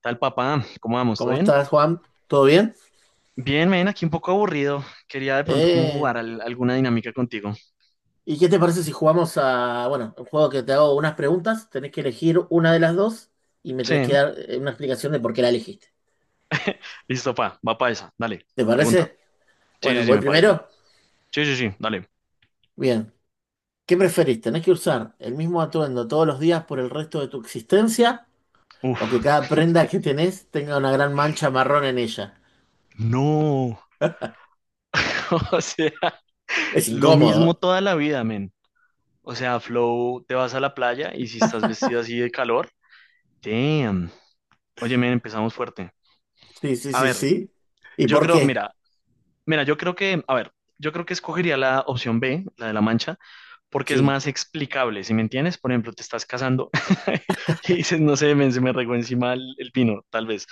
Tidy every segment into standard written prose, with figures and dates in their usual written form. Tal papá, ¿cómo vamos? ¿Todo ¿Cómo bien? estás, Juan? ¿Todo bien? Bien, men, aquí un poco aburrido. Quería de pronto cómo jugar Eh, alguna dinámica contigo. ¿Y qué te parece si jugamos a, bueno, un juego que te hago unas preguntas, tenés que elegir una de las dos y me tenés Sí. que ¿No? dar una explicación de por qué la elegiste. Listo, pa, va pa esa. Dale, ¿Te pregunta. parece? Sí, Bueno, sí, sí, voy me parece. primero. Sí, sí, sí, dale. Bien. ¿Qué preferís? ¿Tenés que usar el mismo atuendo todos los días por el resto de tu existencia o que Uf, cada prenda que tenés tenga una gran mancha marrón en ella? no. O sea, Es lo mismo incómodo. toda la vida, men. O sea, Flow, te vas a la playa y si estás vestido así de calor, damn. Oye, men, empezamos fuerte. Sí, sí, A sí, ver, sí. ¿Y yo por creo, qué? mira, mira, yo creo que, a ver, yo creo que escogería la opción B, la de la mancha, porque es Sí, más explicable, ¿si me entiendes? Por ejemplo, te estás casando y dices, no sé, men, se me regó encima el pino, tal vez.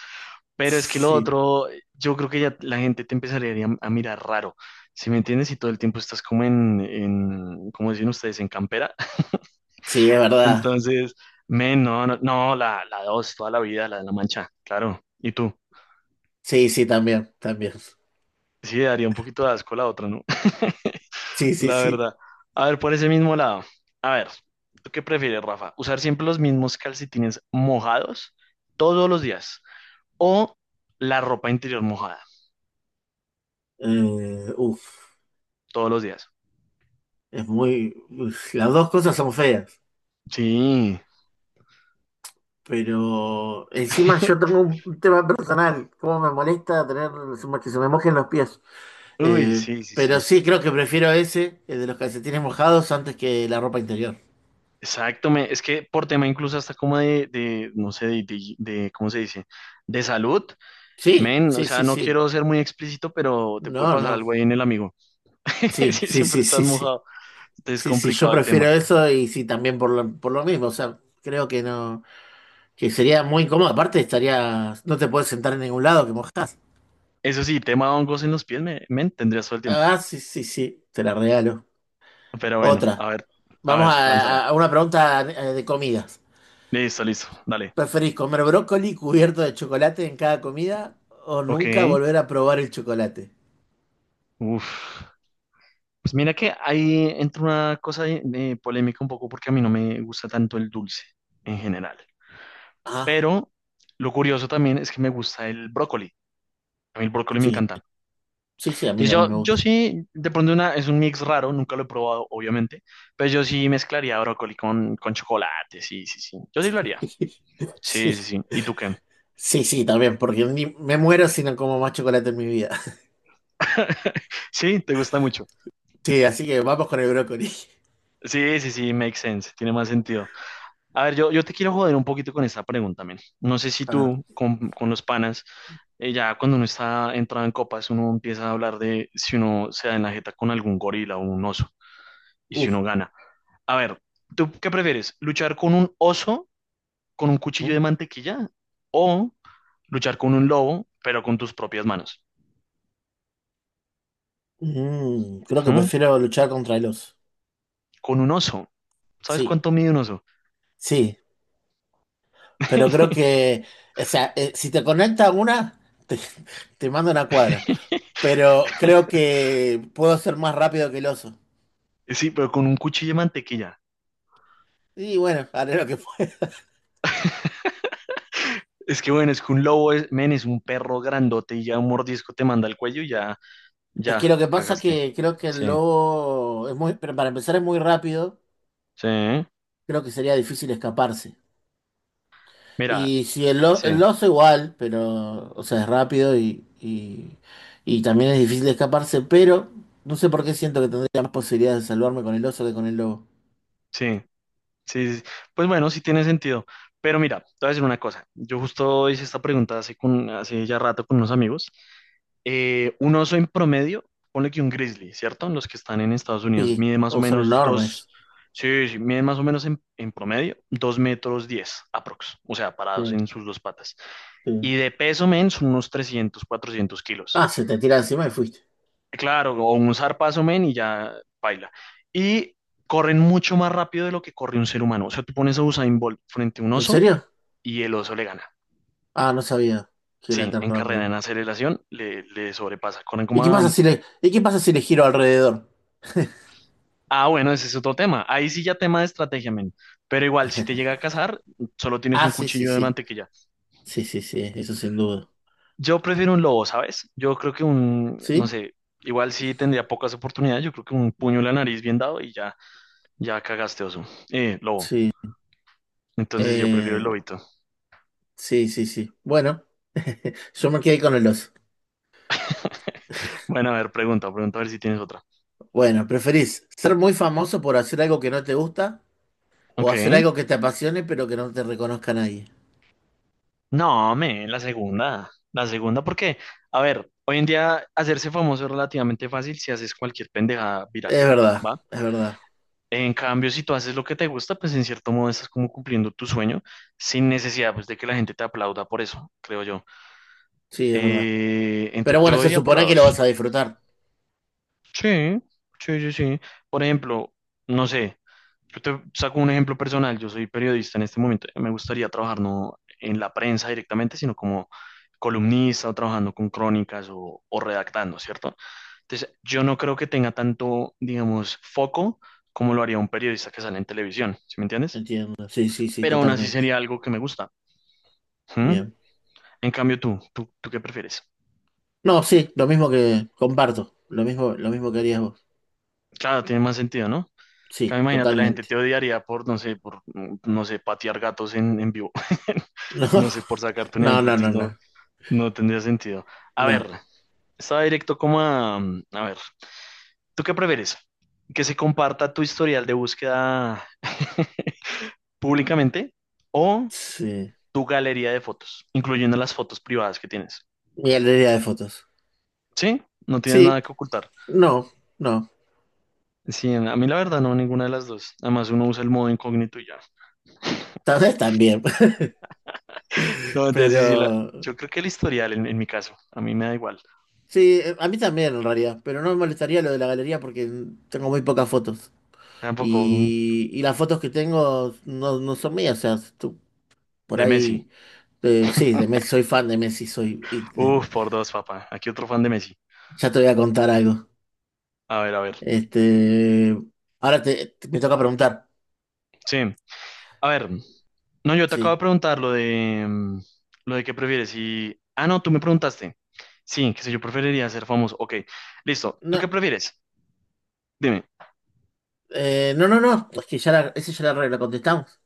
Pero es que lo sí. otro, yo creo que ya la gente te empezaría a mirar raro, ¿si me entiendes? Y todo el tiempo estás como ¿cómo dicen ustedes? En campera. Sí, es verdad. Entonces, men, no, no, no, la dos, toda la vida, la de la mancha, claro. ¿Y tú? Sí, sí, también, también. Sí, daría un poquito de asco la otra, ¿no? Sí, sí, La sí. verdad. A ver, por ese mismo lado. A ver, ¿tú qué prefieres, Rafa? ¿Usar siempre los mismos calcetines mojados todos los días? ¿O la ropa interior mojada Eh, uf, todos los días? es muy uf, las dos cosas son feas, Sí. pero encima yo tengo un tema personal, cómo me molesta tener que se me mojen los pies. Uy, Eh, sí, sí, pero sí. sí, creo que prefiero ese, el de los calcetines mojados, antes que la ropa interior. Exacto. Es que por tema incluso hasta como de no sé, ¿cómo se dice? De salud. Sí, Men, o sí, sea, sí, no sí. quiero ser muy explícito, pero te puede No, pasar no. algo ahí en el amigo. Sí, Sí, sí, siempre sí, sí, estás sí. mojado. Entonces es Sí, sí, yo complicado el prefiero tema. eso y sí, también por lo mismo. O sea, creo que no, que sería muy incómodo. Aparte, estaría, no te puedes sentar en ningún lado que mojás. Eso sí, tema hongos en los pies me tendrías todo el tiempo. Ah, sí, sí, sí, te la regalo. Pero bueno, Otra. A ver, Vamos lánzala. A una pregunta de comidas. Listo, listo, dale. ¿Preferís comer brócoli cubierto de chocolate en cada comida o Ok, nunca volver a probar el chocolate? uf. Pues mira que ahí entra una cosa de polémica un poco porque a mí no me gusta tanto el dulce en general. Ah, Pero lo curioso también es que me gusta el brócoli. A mí el brócoli me sí, encanta. sí, sí, a mí Entonces también yo, me yo gusta. sí, de pronto una, es un mix raro, nunca lo he probado, obviamente. Pero yo sí mezclaría brócoli con chocolate, sí, sí, sí. Yo sí lo haría. Sí, sí, Sí, sí. ¿Y tú qué? sí, sí, también, porque me muero si no como más chocolate en mi vida. Sí, te gusta mucho. Sí, así que vamos con el brócoli. Sí, sí, sí, makes sense, tiene más sentido. A ver, yo te quiero joder un poquito con esta pregunta, men. No sé si A ver, tú con los panas, ya cuando uno está entrado en copas, uno empieza a hablar de si uno se da en la jeta con algún gorila o un oso y si uf. uno gana. A ver, ¿tú qué prefieres? ¿Luchar con un oso con un cuchillo Mm, de mantequilla o luchar con un lobo pero con tus propias manos? Creo que ¿Mm? prefiero luchar contra el oso. Con un oso. ¿Sabes Sí, cuánto mide un oso? sí. Pero creo que, o sea, si te conecta una, te, te mando una cuadra. Pero creo que puedo ser más rápido que el oso. Sí, pero con un cuchillo de mantequilla. Y bueno, haré lo que pueda. Es que bueno, es que un lobo es, men, es un perro grandote y ya un mordisco te manda al cuello y ya, Es que ya, lo que pasa es cagaste. que creo que el Sí, lobo es muy, pero para empezar es muy rápido, sí. creo que sería difícil escaparse. Mira, Y si el sí, oso igual, pero, o sea, es rápido y también es difícil escaparse, pero no sé por qué siento que tendría más posibilidades de salvarme con el oso que con el lobo. sí, sí. Sí. Sí. Pues bueno, sí tiene sentido. Pero mira, te voy a decir una cosa. Yo justo hice esta pregunta hace, con, hace ya rato con unos amigos. Un oso en promedio, ponle que un grizzly, ¿cierto? Los que están en Estados Unidos, Sí, mide más o o son menos dos, enormes. sí, sí, mide más o menos en promedio, 2 metros 10, aprox, o sea, parados Sí, en sus dos patas. sí. Y de peso, men, son unos 300, 400 kilos. Ah, se te tira encima y fuiste. Claro, o un zarpazo, men, y ya baila. Y corren mucho más rápido de lo que corre un ser humano. O sea, tú pones a Usain Bolt frente a un ¿En oso serio? y el oso le gana. Ah, no sabía que era Sí, tan en carrera, rápido. en aceleración, le sobrepasa. Corren como a... ¿Y qué pasa si le giro alrededor? Ah, bueno, ese es otro tema. Ahí sí ya tema de estrategia, men. Pero igual, si te llega a cazar, solo tienes Ah, un sí, sí, cuchillo de sí. mantequilla. Sí, sí, sí, eso sin duda. Yo prefiero un lobo, ¿sabes? Yo creo que un, no ¿Sí? sé, igual sí tendría pocas oportunidades. Yo creo que un puño en la nariz bien dado y ya, ya cagaste, oso. Lobo. Sí. Entonces yo prefiero el Eh, lobito. sí, sí, sí. Bueno, yo me quedé con el oso. Bueno, a ver, pregunta, pregunta a ver si tienes otra. Bueno, ¿preferís ser muy famoso por hacer algo que no te gusta o hacer Ok. algo que te apasione pero que no te reconozca nadie? No, men, la segunda. La segunda, porque, a ver, hoy en día hacerse famoso es relativamente fácil si haces cualquier pendejada viral. Es verdad, ¿Va? es verdad. En cambio, si tú haces lo que te gusta, pues en cierto modo estás como cumpliendo tu sueño sin necesidad pues de que la gente te aplauda por eso, creo yo. Sí, es verdad. Pero bueno, Yo se iría por la supone que dos. lo vas a disfrutar. Sí, sí, sí, sí. Por ejemplo, no sé, yo te saco un ejemplo personal, yo soy periodista en este momento, me gustaría trabajar no en la prensa directamente, sino como columnista o trabajando con crónicas o redactando, ¿cierto? Entonces, yo no creo que tenga tanto, digamos, foco como lo haría un periodista que sale en televisión, ¿sí me entiendes? Entiendo. Sí, sí, sí, Pero aún así totalmente. sería algo que me gusta. ¿Mm? Bien. En cambio, ¿tú qué prefieres? No, sí, lo mismo que comparto, lo mismo que harías vos. Claro, tiene más sentido, ¿no? Sí, Claro, imagínate, la gente te totalmente. odiaría por, no sé, por, mm, no sé, patear gatos en vivo. No sé, por sacarte un No, ejemplo, no, no, no, entonces no, no. no tendría sentido. A No. ver, estaba directo como a... mm, a ver, ¿tú qué prefieres? ¿Que se comparta tu historial de búsqueda públicamente o Sí. tu galería de fotos, incluyendo las fotos privadas que tienes? Mi galería de fotos. ¿Sí? No tienes Sí, nada que ocultar. no, no. Sí, a mí la verdad no, ninguna de las dos. Además uno usa el modo incógnito y ya. Tal vez también. No, te Pero sí, sí, yo creo que el historial en mi caso, a mí me da igual. sí, a mí también en realidad. Pero no me molestaría lo de la galería porque tengo muy pocas fotos. Tampoco un- Y las fotos que tengo no, no son mías. O sea, tú, por De Messi. ahí. Sí, de Messi, soy fan de Messi, soy. Uf, por dos, papá. Aquí otro fan de Messi. Ya te voy a contar algo. A ver, a ver. Este, Ahora me toca preguntar. Sí, a ver. No, yo te acabo de Sí. preguntar lo de mm, lo de qué prefieres y ah no, tú me preguntaste. Sí, que sé yo preferiría ser famoso. Ok, listo. ¿Tú No, qué prefieres? Dime. No, no, no. Es que ya la, esa ya la contestamos.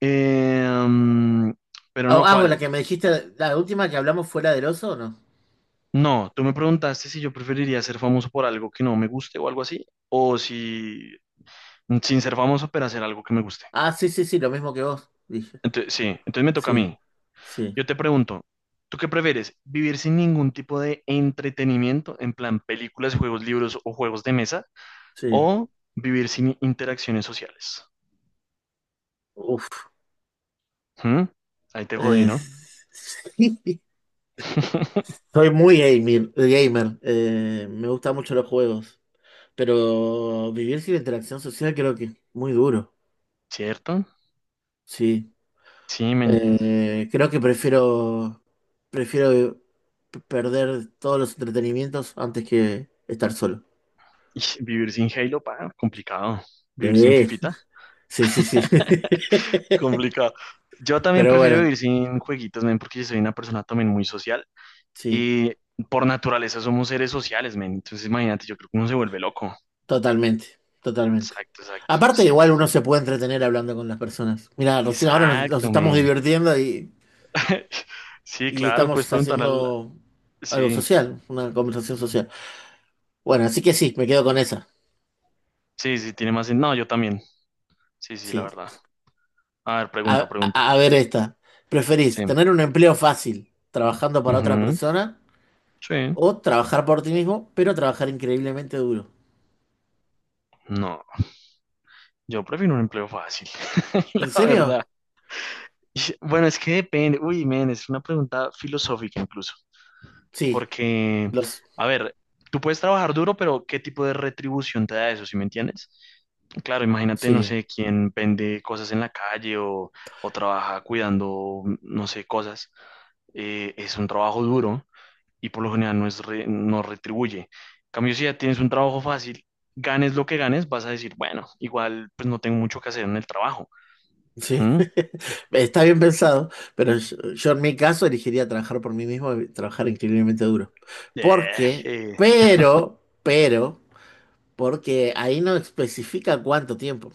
Eh, mm, pero Ah, no ah, la cuál. que me dijiste, la última que hablamos fue la del oso, ¿o no? No, tú me preguntaste si yo preferiría ser famoso por algo que no me guste o algo así, o si sin ser famoso, pero hacer algo que me guste. Ah, sí, sí, sí, lo mismo que vos, dije. Entonces, sí, entonces me toca a Sí, mí. sí, Yo te pregunto, ¿tú qué prefieres? ¿Vivir sin ningún tipo de entretenimiento, en plan películas, juegos, libros o juegos de mesa, sí. o vivir sin interacciones sociales? Uf. ¿Mm? Ahí te jodí, Eh, ¿no? sí. Soy muy gamer. Me gustan mucho los juegos. Pero vivir sin interacción social creo que es muy duro. ¿Cierto? Sí. Sí, men. Creo que prefiero perder todos los entretenimientos antes que estar solo. Ish, vivir sin Halo, pa, complicado. Vivir sin Fifita. Sí, sí, sí, sí. Complicado. Yo también Pero prefiero bueno, vivir sin jueguitos, men, porque yo soy una persona también muy social sí, y por naturaleza somos seres sociales, men. Entonces, imagínate, yo creo que uno se vuelve loco. totalmente, totalmente. Exacto, exacto. Aparte, Sí, sí, igual sí. uno se puede entretener hablando con las personas. Mira, recién ahora nos Exacto, estamos men. divirtiendo Sí, y claro, puedes estamos preguntar al... haciendo algo Sí, social, una conversación social. Bueno, así que sí, me quedo con esa. sí, sí, tiene más... No, yo también. Sí, sí, la Sí. verdad. A ver, A, pregunta, pregunta. A ver esta. ¿Preferís Sí. tener un empleo fácil trabajando para otra Ujú. persona Sí. o trabajar por ti mismo, pero trabajar increíblemente duro? No, yo prefiero un empleo fácil, ¿En la serio? verdad. Ish, bueno, es que depende. Uy, men, es una pregunta filosófica incluso. Sí, Porque, los... a ver, tú puedes trabajar duro, pero ¿qué tipo de retribución te da eso, si me entiendes? Claro, imagínate, no Sí, sé, quién vende cosas en la calle o trabaja cuidando, no sé, cosas. Es un trabajo duro y por lo general no retribuye. En cambio, si ya tienes un trabajo fácil, ganes lo que ganes, vas a decir, bueno, igual pues no tengo mucho que hacer en el trabajo. sí. ¿Mm? Está bien pensado, pero yo en mi caso elegiría trabajar por mí mismo y trabajar increíblemente duro. Eh, Porque, eh, pero, porque ahí no especifica cuánto tiempo.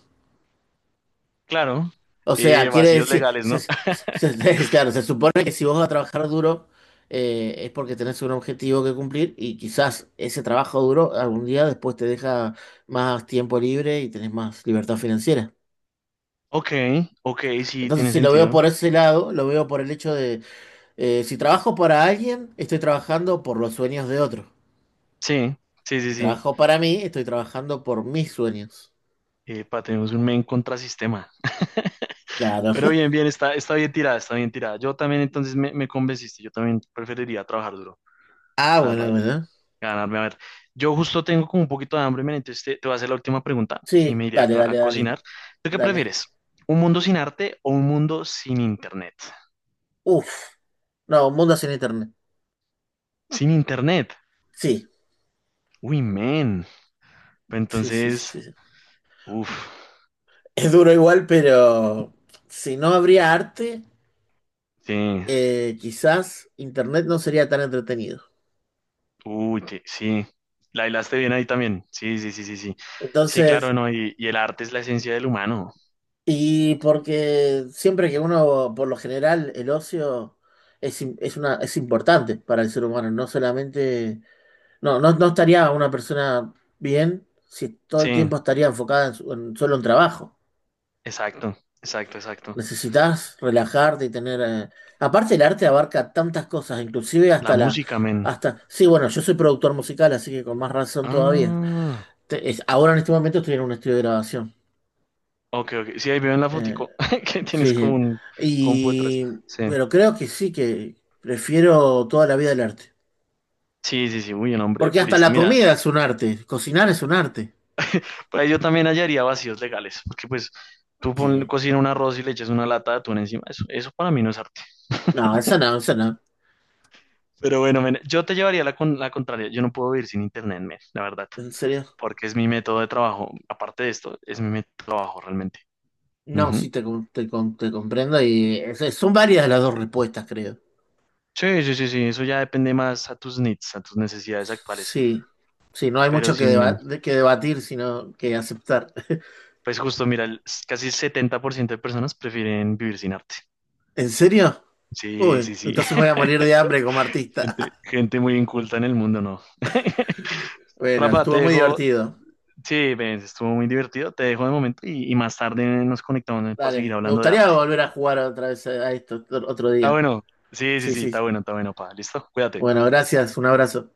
Claro, O sea, quiere vacíos decir, legales, ¿no? Claro, se supone que si vos vas a trabajar duro es porque tenés un objetivo que cumplir y quizás ese trabajo duro algún día después te deja más tiempo libre y tenés más libertad financiera. Ok, ok, sí, Entonces, tiene si lo veo sentido. por ese lado, lo veo por el hecho de, si trabajo para alguien, estoy trabajando por los sueños de otro. Sí, sí, sí, Si sí. trabajo para mí, estoy trabajando por mis sueños. Pa, tenemos un men contrasistema. Claro. Pero bien, bien, está, está bien tirada, está bien tirada. Yo también entonces me convenciste, yo también preferiría trabajar duro, Ah, la verdad, bueno, bueno. ganarme. A ver, yo justo tengo como un poquito de hambre, men, entonces te voy a hacer la última pregunta y Sí, me iré a, dale, a dale, dale, cocinar. ¿Tú qué dale. prefieres? ¿Un mundo sin arte o un mundo sin internet? Uf, no, un mundo sin internet. Sin internet. Sí, Uy, men. sí, sí, sí, Entonces, sí. Sí. uff, Es duro igual, pero si no habría arte, sí, quizás Internet no sería tan entretenido. uy, que sí, la hilaste bien ahí también. Sí, sí, sí, sí, sí. Sí, Entonces, claro, no, y el arte es la esencia del humano. y porque siempre que uno, por lo general, el ocio es una, es importante para el ser humano, no solamente, no, no, no estaría una persona bien si todo el Sí, tiempo estaría enfocada en en solo en trabajo. exacto, exacto, exacto. Necesitas relajarte y tener aparte el arte abarca tantas cosas, inclusive La hasta la... música, men. Hasta... Sí, bueno, yo soy productor musical, así que con más razón todavía. Ah, Ahora en este momento estoy en un estudio de grabación. ok, ok. Sí, ahí veo en la Eh, fotico que tienes sí, como sí. un compu detrás. Y... Sí, Pero creo que sí, que prefiero toda la vida el arte. sí, sí, sí, uy, un hombre Porque hasta purista. la Mira, comida es un arte, cocinar es un arte. pues yo también hallaría vacíos legales, porque pues tú pon, Sí. cocina un arroz y le echas una lata de atún encima. Eso para mí no es arte. No, esa no, esa no. Pero bueno, men, yo te llevaría la, la contraria. Yo no puedo vivir sin internet, men, la verdad. ¿En serio? Porque es mi método de trabajo. Aparte de esto, es mi método de trabajo realmente. No, Ujú. sí, te comprendo y son varias las dos respuestas, creo. Sí, sí, sí, sí, eso ya depende más a tus needs, a tus necesidades actuales. Sí, sí, no hay Pero mucho que sí, men, que debatir, sino que aceptar. pues justo, mira, casi 70% de personas prefieren vivir sin arte. ¿En serio? Sí, sí, Uy, sí. entonces me voy a morir de hambre como artista. Gente, gente muy inculta en el mundo, ¿no? Bueno, Rafa, te estuvo muy dejo. divertido. Sí, ven, estuvo muy divertido. Te dejo de momento y más tarde nos conectamos para seguir Dale, me hablando de gustaría arte. volver a jugar otra vez a esto otro otro Está día. bueno. Sí, sí, Sí, sí, sí. Está bueno, pa. Listo, cuídate. Bueno, gracias, un abrazo.